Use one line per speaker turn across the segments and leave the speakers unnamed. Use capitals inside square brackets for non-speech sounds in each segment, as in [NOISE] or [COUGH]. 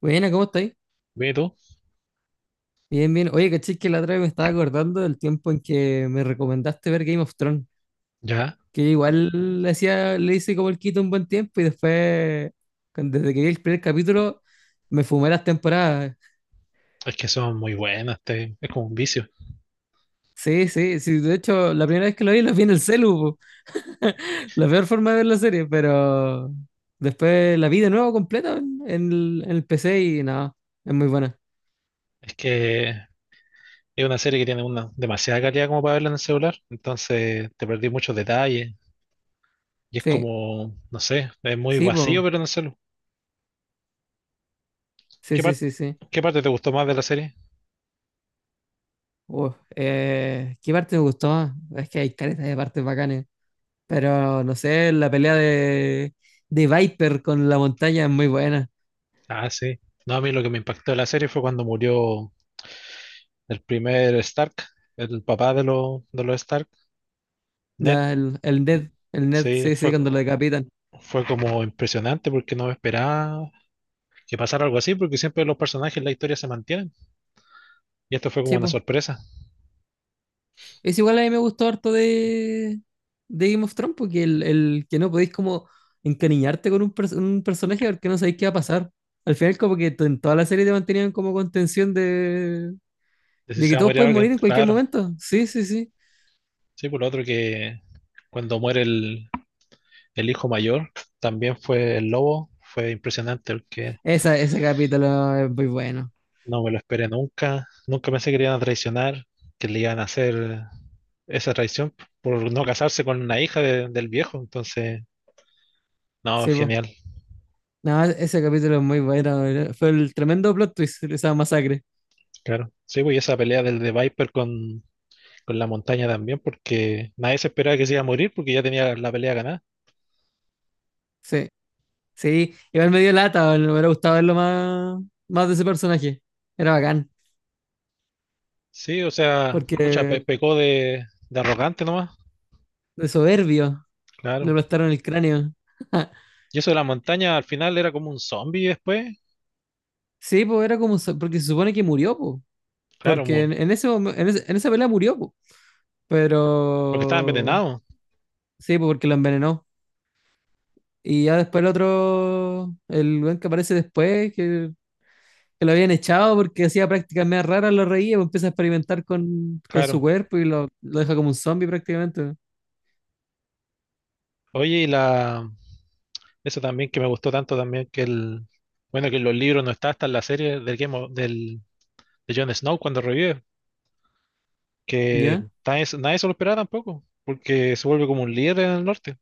Buena, ¿cómo estáis?
Ve tú,
Bien, bien. Oye, caché que la otra vez me estaba acordando del tiempo en que me recomendaste ver Game of Thrones,
ya.
que igual le hacía, le hice como el quito un buen tiempo y después, desde que vi el primer capítulo, me fumé las temporadas.
Es que son muy buenas, es como un vicio.
Sí, sí, sí. De hecho, la primera vez que lo vi en el celu, po. La peor forma de ver la serie, pero después la vi de nuevo completa en el PC y nada, es muy buena.
Es que es una serie que tiene una demasiada calidad como para verla en el celular, entonces te perdí muchos detalles y es
Sí,
como, no sé, es muy
sí,
vacío,
po.
pero en el celular.
Sí,
¿Qué
sí,
par-
sí, sí.
qué parte te gustó más de la serie?
Uf, ¿qué parte me gustó más? Es que hay caretas de partes bacanes. Pero no sé, de Viper con la montaña es muy buena.
Ah, sí. No, a mí lo que me impactó de la serie fue cuando murió el primer Stark, el papá los de los Stark, Ned.
El Ned,
Sí,
sí, sí,
fue,
cuando lo
co-
decapitan.
fue como impresionante porque no me esperaba que pasara algo así, porque siempre los personajes en la historia se mantienen. Y esto fue como
Sí,
una
po.
sorpresa,
Es igual a mí me gustó harto de Game of Thrones, porque el que no podéis como encariñarte con un personaje porque no sabéis qué va a pasar. Al final, en toda la serie te mantenían como con tensión
de si
de
se
que
va a
todos
morir
pueden
alguien,
morir en cualquier
claro.
momento. Sí, sí, sí.
Sí, por lo otro que cuando muere el hijo mayor, también fue el lobo, fue impresionante porque
Ese capítulo es muy bueno.
no me lo esperé nunca, nunca pensé que le iban a traicionar, que le iban a hacer esa traición por no casarse con una hija del viejo, entonces, no,
Sí, po.
genial,
No, ese capítulo es muy bueno. Fue el tremendo plot twist, esa masacre.
claro. Sí, pues y esa pelea del de Viper con la montaña también, porque nadie se esperaba que se iba a morir porque ya tenía la pelea ganada.
Sí, sí. Igual me dio lata, me hubiera gustado verlo más, más de ese personaje. Era bacán,
Sí, o sea, mucha pe-
porque
pecó de arrogante nomás,
de soberbio le
claro.
aplastaron el cráneo. [LAUGHS]
Y eso de la montaña al final era como un zombie después,
Sí, pues era como, porque se supone que murió, po.
claro,
Porque en ese, momen- en ese- en esa pelea murió, po.
porque estaba
Pero
envenenado,
sí, po, porque lo envenenó. Y ya después el otro, el buen que aparece después, que lo habían echado porque hacía prácticas más raras, lo reía, pues empieza a experimentar con su
claro.
cuerpo y lo deja como un zombie prácticamente.
Oye, y la, eso también que me gustó tanto también que bueno, que en los libros no está hasta en la serie del Game of- del, de Jon Snow cuando revive, que
¿Ya?
nadie se lo esperaba tampoco, porque se vuelve como un líder en el norte.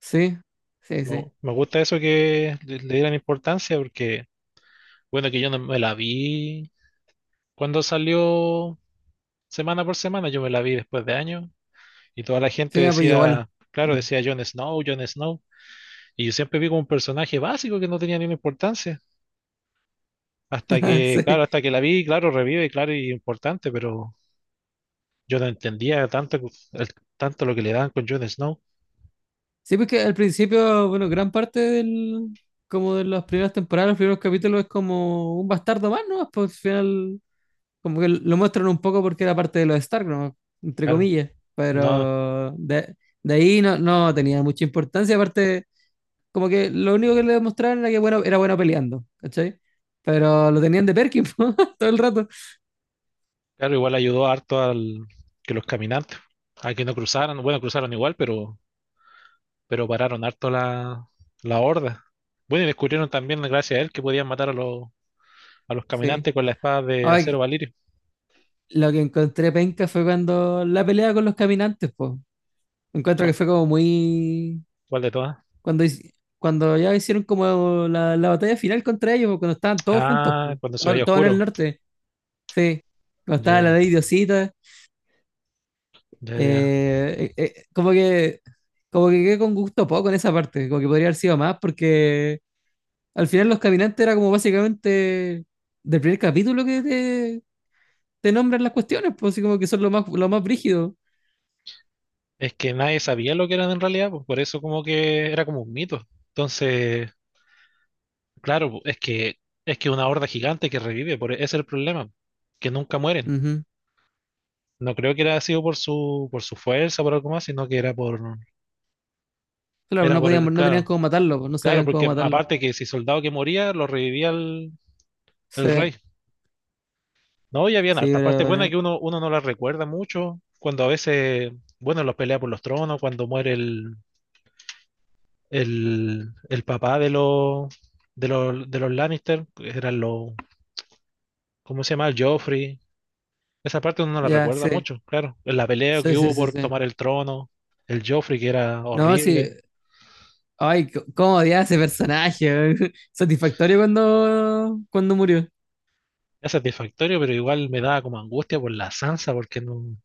Sí, sí, sí.
Me gusta eso que le dieran importancia porque, bueno, que yo no me la vi cuando salió. Semana por semana yo me la vi después de años y toda la gente
Sí, ah, pues igual.
decía, claro,
Mm. [LAUGHS]
decía Jon Snow, Jon Snow, y yo siempre vi como un personaje básico que no tenía ninguna importancia, hasta
Ah,
que,
sí,
claro, hasta que la vi, claro, revive, claro, y importante, pero yo no entendía tanto, el- tanto lo que le daban con Jon Snow,
sí, porque al principio, bueno, como de las primeras temporadas, los primeros capítulos es como un bastardo más, ¿no? Pues al final, como que lo muestran un poco porque era parte de los Stark, ¿no? Entre
claro,
comillas.
no,
De ahí no, no tenía mucha importancia, aparte. Como que lo único que le demostraron era que bueno, era bueno peleando, ¿cachai? Pero lo tenían de Perkin [LAUGHS] po, todo el rato.
claro, igual ayudó harto al que los caminantes, a que no cruzaran, bueno, cruzaron igual, pero pararon harto la horda. Bueno, y descubrieron también, gracias a él, que podían matar a los
Sí.
caminantes con la espada de acero
Ay,
Valirio.
lo que encontré penca fue cuando la pelea con los caminantes, pues. Encuentro que
¿Cuál,
fue como muy.
cuál de todas?
Cuando ya hicieron como la batalla final contra ellos, po, cuando estaban todos juntos,
Ah,
po.
cuando se
Todo,
veía
todo en el
oscuro.
norte. Sí. Cuando estaba la
Ya,
ley Diosita.
ya, ya.
eh, eh, eh, como que. Como que quedé con gusto poco en esa parte. Como que podría haber sido más porque al final los caminantes era como básicamente del primer capítulo que te nombran las cuestiones, pues así como que son lo más brígido.
Es que nadie sabía lo que eran en realidad, pues por eso como que era como un mito. Entonces, claro, pues, es que una horda gigante que revive, ese es el problema, que nunca mueren.
Ujú.
No creo que era sido por su fuerza, por algo más, sino que era por
Claro,
era
no
por
podían,
el,
no tenían
claro,
cómo matarlo, pues no
claro,
sabían cómo
porque
matarlo.
aparte que si soldado que moría lo revivía el
Sí,
rey. No, y habían
sí,
hartas partes buenas que uno no las recuerda mucho. Cuando a veces, bueno, los pelea por los tronos, cuando muere el papá de los Lannister, que eran los, ¿cómo se llama? El Joffrey. Esa parte uno no la
ya,
recuerda
sí,
mucho, claro. La pelea
sí,
que
sí,
hubo
sí,
por
sí.
tomar el trono, el Joffrey que era
No, sí.
horrible.
Ay, cómo odiaba a ese personaje, weón. [LAUGHS] Satisfactorio cuando, cuando murió.
Es satisfactorio, pero igual me daba como angustia por la Sansa, porque no,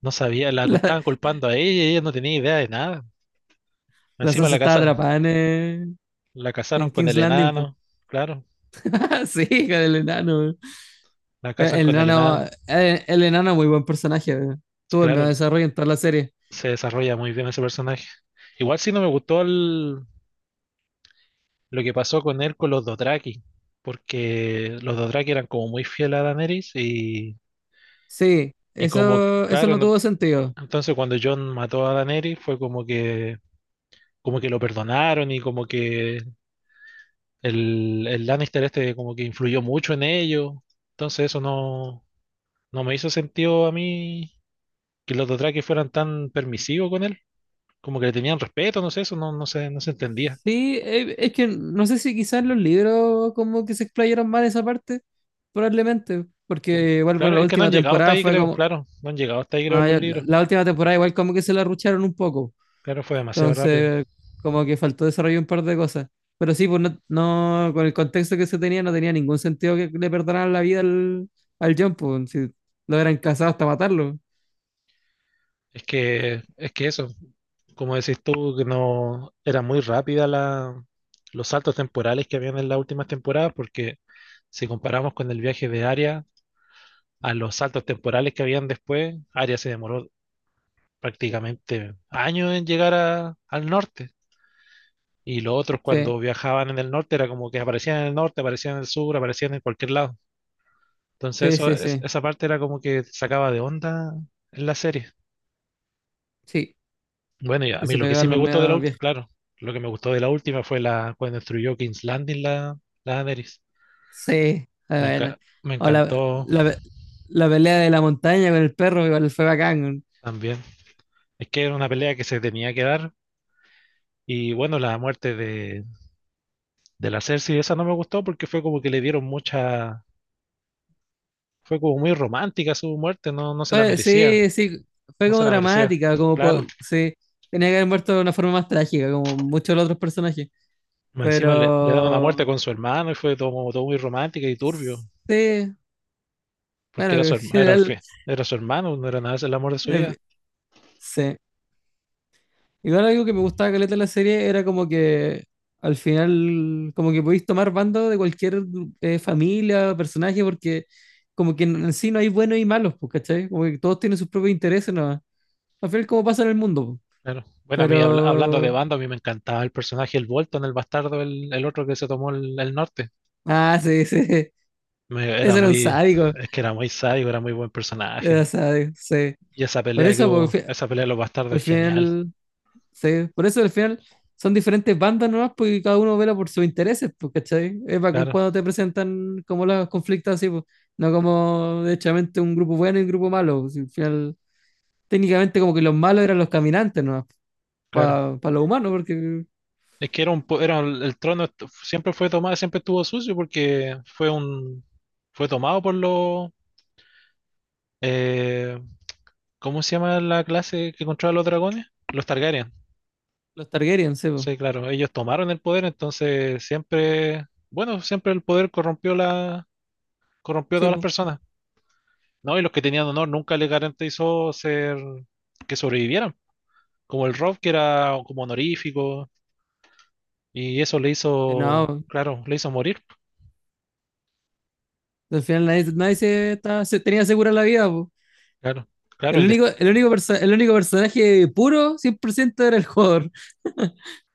no sabía,
[LAUGHS]
la cu-
La,
estaban culpando a ella y ella no tenía idea de nada.
la
Encima
Sansa estaba atrapada
la casaron
en
con
King's
el
Landing, pues.
enano, claro.
[LAUGHS] Sí, hija del enano.
La casan
El
con el enano.
enano, el enano es muy buen personaje. Tuvo el mejor
Claro,
desarrollo en toda la serie.
se desarrolla muy bien ese personaje. Igual sí no me gustó lo que pasó con él con los Dothraki, porque los Dothraki eran como muy fieles a Daenerys y,
Sí,
y como, que,
eso
claro,
no tuvo sentido.
entonces cuando Jon mató a Daenerys fue como que lo perdonaron y como que el Lannister este como que influyó mucho en ello. Entonces eso no me hizo sentido a mí que los Dothraki fueran tan permisivos con él, como que le tenían respeto, no sé, eso no, no se entendía.
Sí, es que no sé si quizás los libros como que se explayaron mal esa parte, probablemente,
Que-
porque igual bueno,
Claro,
la
es que no han
última
llegado hasta
temporada
ahí,
fue
creo,
como,
claro, no han llegado hasta ahí, creo, en
ah,
los
ya,
libros.
la última temporada igual como que se la rucharon un poco.
Claro, fue demasiado rápido.
Entonces, como que faltó desarrollar un par de cosas. Pero sí, pues con el contexto que se tenía, no tenía ningún sentido que le perdonaran la vida al John, pues, si lo eran casados hasta matarlo.
Es que eso, como decís tú, que no era muy rápida los saltos temporales que habían en las últimas temporadas, porque si comparamos con el viaje de Arya a los saltos temporales que habían después, Arya se demoró prácticamente años en llegar al norte. Y los otros
Sí,
cuando viajaban en el norte era como que aparecían en el norte, aparecían en el sur, aparecían en cualquier lado. Entonces
sí,
eso,
sí, sí.
esa parte era como que sacaba de onda en la serie.
Sí,
Bueno, y a
que
mí
se
lo que sí
pegaban
me
los
gustó de la
medios
última,
viejos.
claro, lo que me gustó de la última fue la cuando destruyó King's Landing la Daenerys.
Sí, ah,
Me enca-
bueno.
me
O la,
encantó
la, pe- La pelea de la montaña con el perro, igual fue bacán.
también. Es que era una pelea que se tenía que dar. Y bueno, la muerte de la Cersei, esa no me gustó porque fue como que le dieron mucha, fue como muy romántica su muerte, no se la
Fue,
merecía,
sí, sí, fue
no se
como
la merecía.
dramática, como
Claro,
sí, tenía que haber muerto de una forma más trágica, como muchos de los otros personajes.
más encima le dan una muerte
Pero
con su hermano y fue todo, todo muy romántico y turbio,
sí,
porque
bueno,
era
que
su
en
hermano,
general,
era su hermano, no era nada, es el amor de su
eh,
vida.
sí. Igual algo que me gustaba caleta de la serie era como que al final, como que podéis tomar bando de cualquier familia, o personaje, porque como que en sí no hay buenos y malos, pues, ¿cachai? Como que todos tienen sus propios intereses, ¿no? Al final, como pasa en el mundo, pues.
Claro. Bueno, a mí hablando de
Pero.
banda, a mí me encantaba el personaje, el Bolton, el bastardo, el otro que se tomó el norte.
Ah, sí, sí. [LAUGHS]
Me- era
Ese era un
muy,
sádico.
es que era muy sádico, era muy buen personaje.
Era sádico, sí.
Y esa
Por
pelea que
eso,
hubo,
porque
esa pelea de los bastardos
al
es genial,
final. Sí, por eso al final son diferentes bandas nomás, porque cada uno vela por sus intereses, pues, ¿cachai? Es bacán
claro,
cuando te presentan como los conflictos así, pues, no como derechamente un grupo bueno y un grupo malo, pues, si al final, técnicamente como que los malos eran los caminantes nomás,
claro.
para los humanos, porque
Es que era el trono siempre fue tomado, siempre estuvo sucio porque fue tomado por los, eh, ¿cómo se llama la clase que controla los dragones? Los Targaryen.
los Targaryen, sí, pues.
Sí, claro, ellos tomaron el poder, entonces siempre, bueno, siempre el poder corrompió a
Sí,
todas las
pues.
personas. No, y los que tenían honor nunca les garantizó ser que sobrevivieran, como el Rob que era como honorífico y eso le
Que
hizo,
no,
claro, le hizo morir.
al final nadie, se tenía segura la vida, pues.
Claro, claro,
El único personaje puro, 100% era el jugador.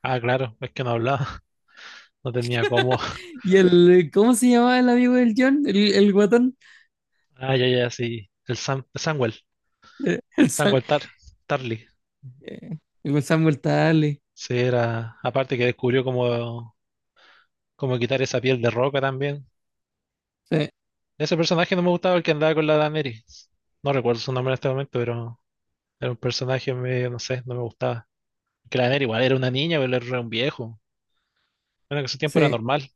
ah, claro, es que no hablaba, [LAUGHS] no tenía cómo.
Y el, ¿cómo se llamaba el amigo del John? El guatón.
Ah, ya, ya, sí, Samwell,
El, [LAUGHS] el, Sam-
Samwell Tar, Tarly.
Eh, y con Samuel Tarly.
Sí, era, aparte que descubrió como Como quitar esa piel de roca también.
Sí,
Ese personaje no me gustaba, el que andaba con la Daenerys. No recuerdo su nombre en este momento, pero era un personaje medio, no sé, no me gustaba. Que la Daenerys igual era una niña, pero era un viejo. Bueno, que en su tiempo era
sí.
normal.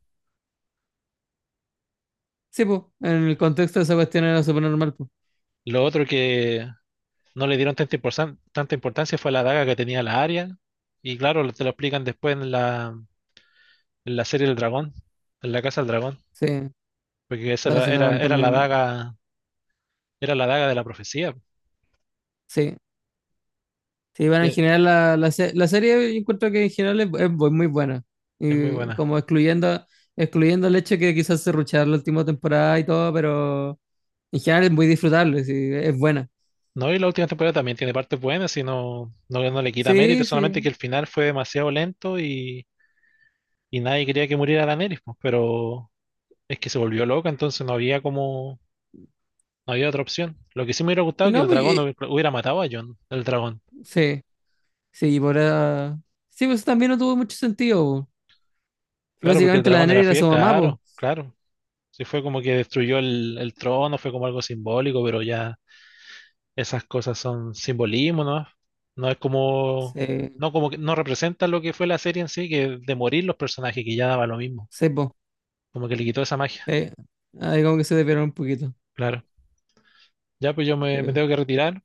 Sí, pues, en el contexto de esa cuestión era súper normal, pues.
Lo otro que no le dieron tanta importancia fue la daga que tenía la Arya. Y claro, te lo explican después en la serie del dragón, en la Casa del Dragón.
Sí,
Porque esa
la
era,
Casa del
era,
Dragón
era la
también.
daga, era la daga de la profecía.
Sí, sí, bueno,
Y
en
Es
general la serie yo encuentro que en general es, muy buena.
es muy
Y
buena.
como excluyendo, excluyendo el hecho que quizás se rucharon la última temporada y todo, pero en general es muy disfrutable, sí, es buena.
No, y la última temporada también tiene partes buenas y no le quita mérito,
Sí,
solamente que el
sí.
final fue demasiado lento y nadie quería que muriera Daenerys, pues, pero es que se volvió loca, entonces no había como, no había otra opción. Lo que sí me hubiera gustado
Sí,
es que
no,
el dragón no
porque,
hubiera matado a Jon, el dragón.
sí, sí, y por ah, sí, pues también no tuvo mucho sentido, po.
Claro, porque el
Básicamente la
dragón era
Daenerys era
fiel,
su mamá,
claro,
pues.
claro. Sí fue como que destruyó el trono, fue como algo simbólico, pero ya esas cosas son simbolismo, ¿no? No es como,
Sí,
no como que no representa lo que fue la serie en sí, que de morir los personajes, que ya daba lo mismo.
sí, po.
Como que le quitó esa magia.
Eh, ahí como que se desviaron un poquito.
Claro. Ya, pues yo me
Eh,
tengo que retirar.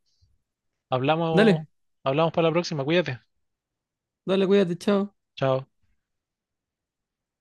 Hablamos,
dale,
hablamos para la próxima. Cuídate.
dale, cuídate, chao.
Chao.